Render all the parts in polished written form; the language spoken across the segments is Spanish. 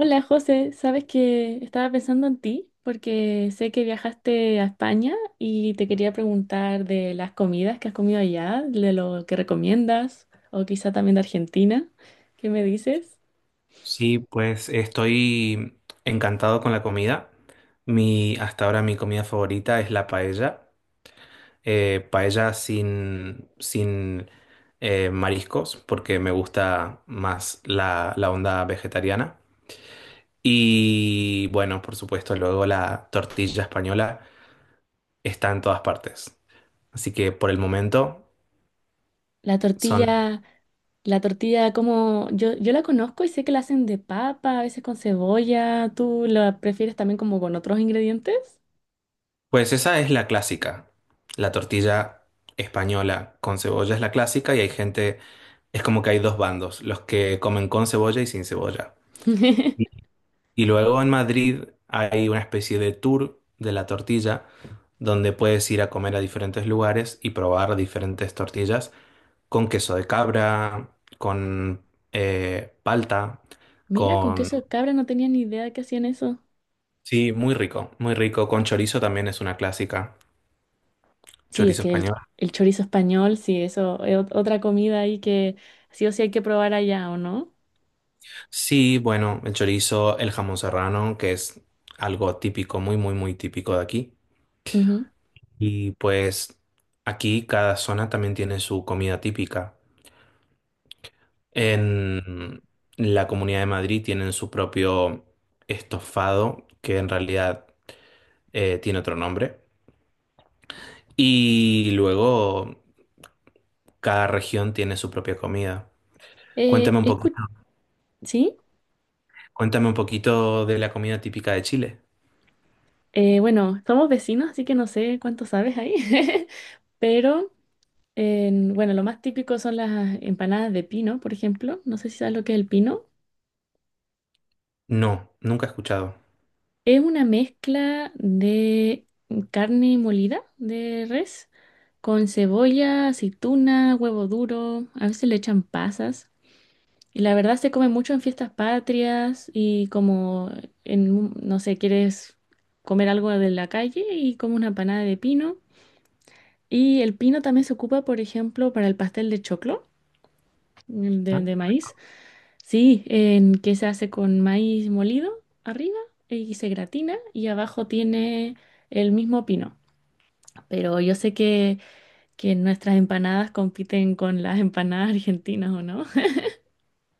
Hola José, sabes que estaba pensando en ti porque sé que viajaste a España y te quería preguntar de las comidas que has comido allá, de lo que recomiendas o quizá también de Argentina. ¿Qué me dices? Sí, pues estoy encantado con la comida. Hasta ahora mi comida favorita es la paella. Paella sin mariscos, porque me gusta más la onda vegetariana. Y bueno, por supuesto, luego la tortilla española está en todas partes. Así que por el momento La son. tortilla, la tortilla como yo la conozco y sé que la hacen de papa, a veces con cebolla. ¿Tú la prefieres también como con otros ingredientes? Pues esa es la clásica. La tortilla española con cebolla es la clásica y hay gente, es como que hay dos bandos, los que comen con cebolla y sin cebolla. Y luego en Madrid hay una especie de tour de la tortilla donde puedes ir a comer a diferentes lugares y probar diferentes tortillas con queso de cabra, con palta, Mira, con con... queso de cabra no tenía ni idea de que hacían eso. Sí, muy rico, muy rico. Con chorizo también es una clásica, Sí, es chorizo que español. el chorizo español, sí, eso es otra comida ahí que sí o sí hay que probar allá, ¿o no? Sí, bueno, el chorizo, el jamón serrano, que es algo típico, muy, muy, muy típico de aquí. Ujú. Y pues aquí cada zona también tiene su comida típica. En la Comunidad de Madrid tienen su propio estofado, que en realidad tiene otro nombre. Y luego cada región tiene su propia comida. Eh, Cuéntame un poco, escu- sí, cuéntame un poquito de la comida típica de Chile. Bueno, somos vecinos, así que no sé cuánto sabes ahí, pero bueno, lo más típico son las empanadas de pino, por ejemplo. No sé si sabes lo que es el pino. No, nunca he escuchado. Es una mezcla de carne molida de res con cebolla, aceituna, huevo duro, a veces le echan pasas. Y la verdad se come mucho en fiestas patrias y como no sé, quieres comer algo de la calle y como una panada de pino. Y el pino también se ocupa, por ejemplo, para el pastel de choclo, de maíz. Sí, en, que se hace con maíz molido arriba y se gratina y abajo tiene el mismo pino. Pero yo sé que nuestras empanadas compiten con las empanadas argentinas, ¿o no?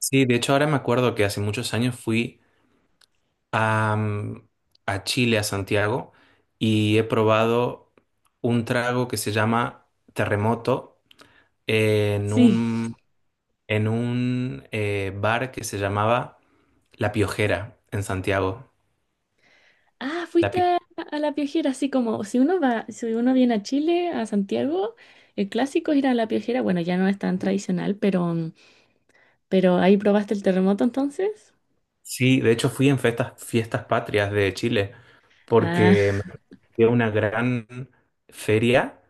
Sí, de hecho ahora me acuerdo que hace muchos años fui a, mm, a Chile, a Santiago, y he probado un trago que se llama Terremoto en Sí. un, en un bar que se llamaba La Piojera en Santiago. Ah, La fuiste Pio- a la Piojera, así como si uno va, si uno viene a Chile, a Santiago, el clásico es ir a la Piojera, bueno, ya no es tan tradicional, pero, pero ahí probaste el terremoto entonces. Sí, de hecho fui en fiestas, fiestas patrias de Chile, Ah, porque me fui a una gran feria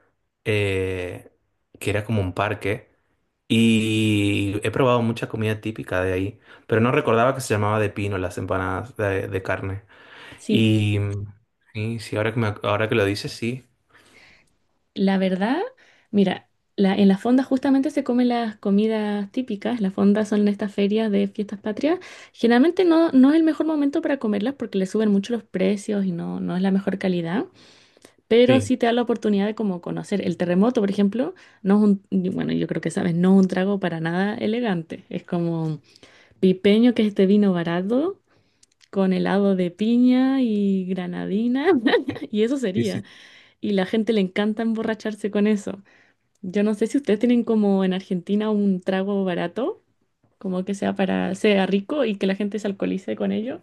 eh, que era como un parque. Y he probado mucha comida típica de ahí, pero no recordaba que se llamaba de pino las empanadas de carne. sí, Y mm, sí, sí, ahora que lo dices, sí. la verdad, mira, en la fonda justamente se comen las comidas típicas, las fondas son estas ferias de fiestas patrias, generalmente no es el mejor momento para comerlas porque le suben mucho los precios y no es la mejor calidad. Pero Sí. sí te da la oportunidad de como conocer. El terremoto, por ejemplo, no es un, y bueno, yo creo que sabes, no es un trago para nada elegante. Es como pipeño, que es este vino barato, con helado de piña y granadina, y eso Sí, sí. sería. Y la gente le encanta emborracharse con eso. Yo no sé si ustedes tienen como en Argentina un trago barato, como que sea para, sea rico y que la gente se alcoholice con ello.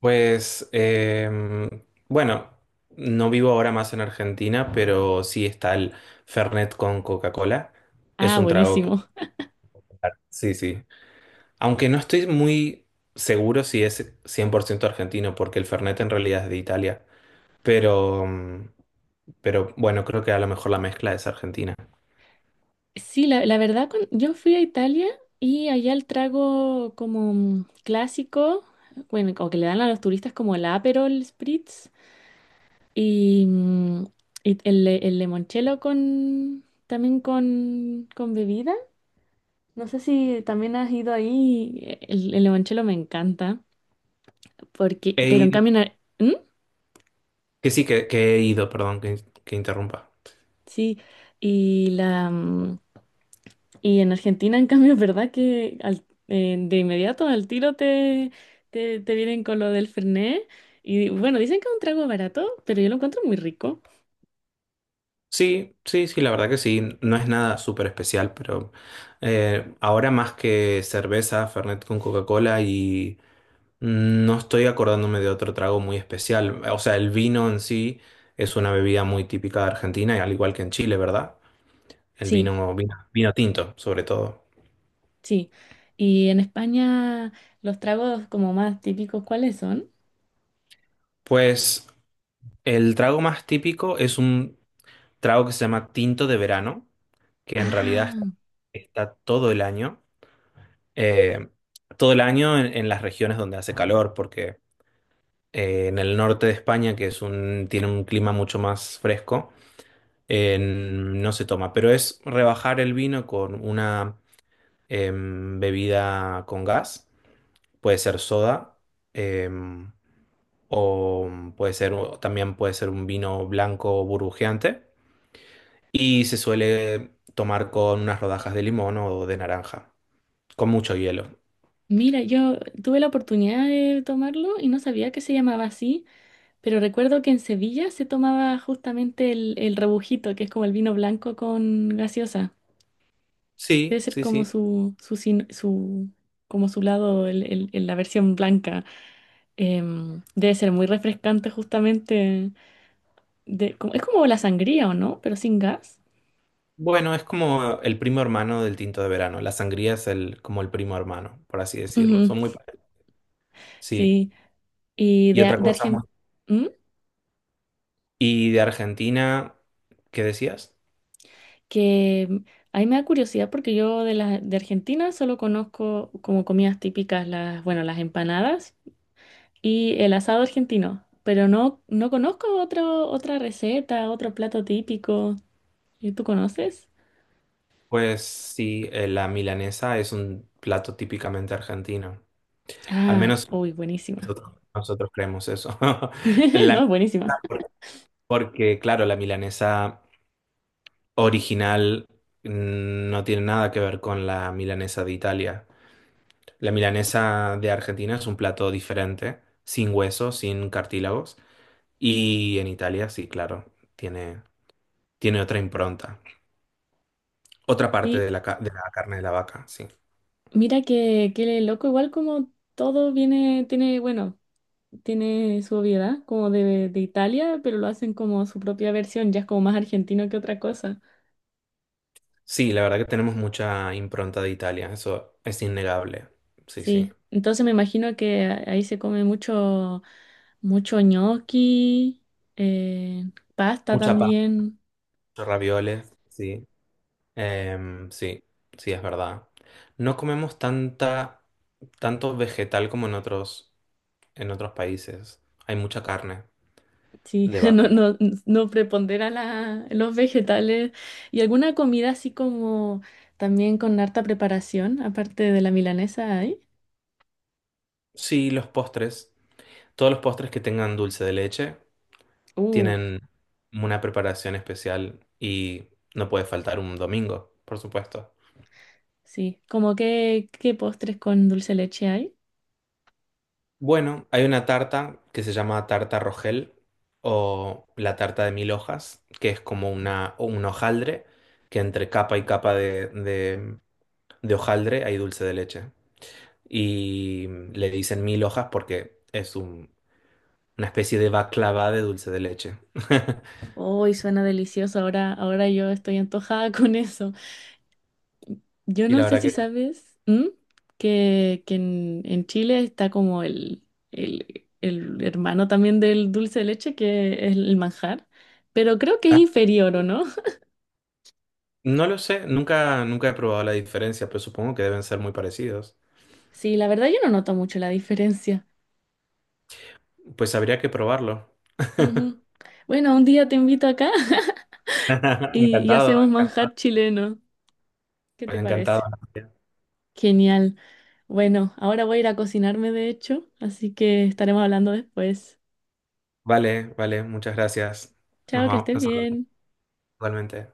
Pues bueno, no vivo ahora más en Argentina, pero sí está el Fernet con Coca-Cola. Es Ah, un trago que, buenísimo. sí, sí. Aunque no estoy muy seguro si es 100% argentino, porque el Fernet en realidad es de Italia. Pero pero bueno, creo que a lo mejor la mezcla es argentina. Sí, la verdad, yo fui a Italia y allá el trago como clásico, bueno, o que le dan a los turistas como el Aperol Spritz y, y el limoncello con, también con bebida. No sé si también has ido ahí, el limoncello me encanta, porque, pero He en Claro. cambio, ido, ¿Mm? que sí, que he ido, perdón, que interrumpa. Sí, y la, mm, y en Argentina, en cambio, es verdad que de inmediato, al tiro, te vienen con lo del Fernet. Y bueno, dicen que es un trago barato, pero yo lo encuentro muy rico. Sí, sí, sí, la verdad que sí, no es nada súper especial, pero ahora más que cerveza, Fernet con Coca-Cola y mm, no estoy acordándome de otro trago muy especial. O sea, el vino en sí es una bebida muy típica de Argentina, y al igual que en Chile, ¿verdad? El Sí, vino, vino tinto, sobre todo. sí. Y en España, los tragos como más típicos, ¿cuáles son? Pues el trago más típico es un trago que se llama tinto de verano, que en realidad Ah, está eh, todo el año en las regiones donde hace calor, porque en el norte de España, que es tiene un clima mucho más fresco, no se toma, pero es rebajar el vino con una bebida con gas, puede ser soda, em, o puede ser, también puede ser un vino blanco burbujeante. Y se suele tomar con unas rodajas de limón o de naranja, con mucho hielo. mira, yo tuve la oportunidad de tomarlo y no sabía que se llamaba así, pero recuerdo que en Sevilla se tomaba justamente el rebujito, que es como el vino blanco con gaseosa. Debe Sí, ser sí, como sí. su, sin- su- como su lado, la versión blanca. Em, debe ser muy refrescante justamente. Es como la sangría, ¿o no? Pero sin gas. Bueno, es como el primo hermano del tinto de verano. La sangría es el, como el primo hermano, por así decirlo. Ujú, Son muy parecidos. Sí. sí. Y Y otra de cosa muy... Argentina, Y de Argentina, ¿qué decías? que ahí me da curiosidad porque yo de Argentina solo conozco como comidas típicas las, bueno, las empanadas y el asado argentino. Pero no conozco otro, otra receta, otro plato típico. ¿Y tú conoces? Pues sí, la milanesa es un plato típicamente argentino. Al Ah, menos uy, buenísima. Nosotros creemos eso. La, mila- No, es buenísima. Porque, claro, la milanesa original mm, no tiene nada que ver con la milanesa de Italia. La milanesa de Argentina es un plato diferente, sin huesos, sin cartílagos. Y en Italia, sí, claro, tiene, tiene otra impronta. Otra parte Y de de la carne de la vaca, sí. mira que loco, igual como todo viene, tiene, bueno, tiene su obviedad, como de Italia, pero lo hacen como su propia versión, ya es como más argentino que otra cosa. Sí, la verdad que tenemos mucha impronta de Italia, eso es innegable. Sí, sí. Sí, entonces me imagino que ahí se come mucho, mucho ñoqui, pasta Mucha pasta, también. muchos ravioles, sí. Sí, sí, es verdad. No comemos tanto vegetal como en otros países. Hay mucha carne Sí, de no, vaca. no, no prepondera los vegetales y alguna comida así como también con harta preparación, aparte de la milanesa hay. Sí, los postres. Todos los postres que tengan dulce de leche Uh, tienen una preparación especial y no puede faltar un domingo, por supuesto. sí, como qué, qué postres con dulce de leche hay. Bueno, hay una tarta que se llama tarta Rogel o la tarta de mil hojas, que es como una, un hojaldre que entre capa y capa de hojaldre hay dulce de leche. Y le dicen mil hojas porque una especie de baklava de dulce de leche. Uy, suena delicioso, ahora, ahora yo estoy antojada con eso. Yo Y no la sé verdad si que sabes ¿m? Que en Chile está como el hermano también del dulce de leche, que es el manjar, pero creo que es ah, inferior, ¿o no? no lo sé, nunca, nunca he probado la diferencia, pero supongo que deben ser muy parecidos. Sí, la verdad yo no noto mucho la diferencia. Pues habría que probarlo. Ujú. Bueno, un día te invito acá Encantado, y encantado. hacemos manjar chileno. ¿Qué te Encantado. parece? Genial. Bueno, ahora voy a ir a cocinarme, de hecho, así que estaremos hablando después. Vale, vale, muchas gracias. Nos Chao, que vamos, estés nos hablamos bien. igualmente.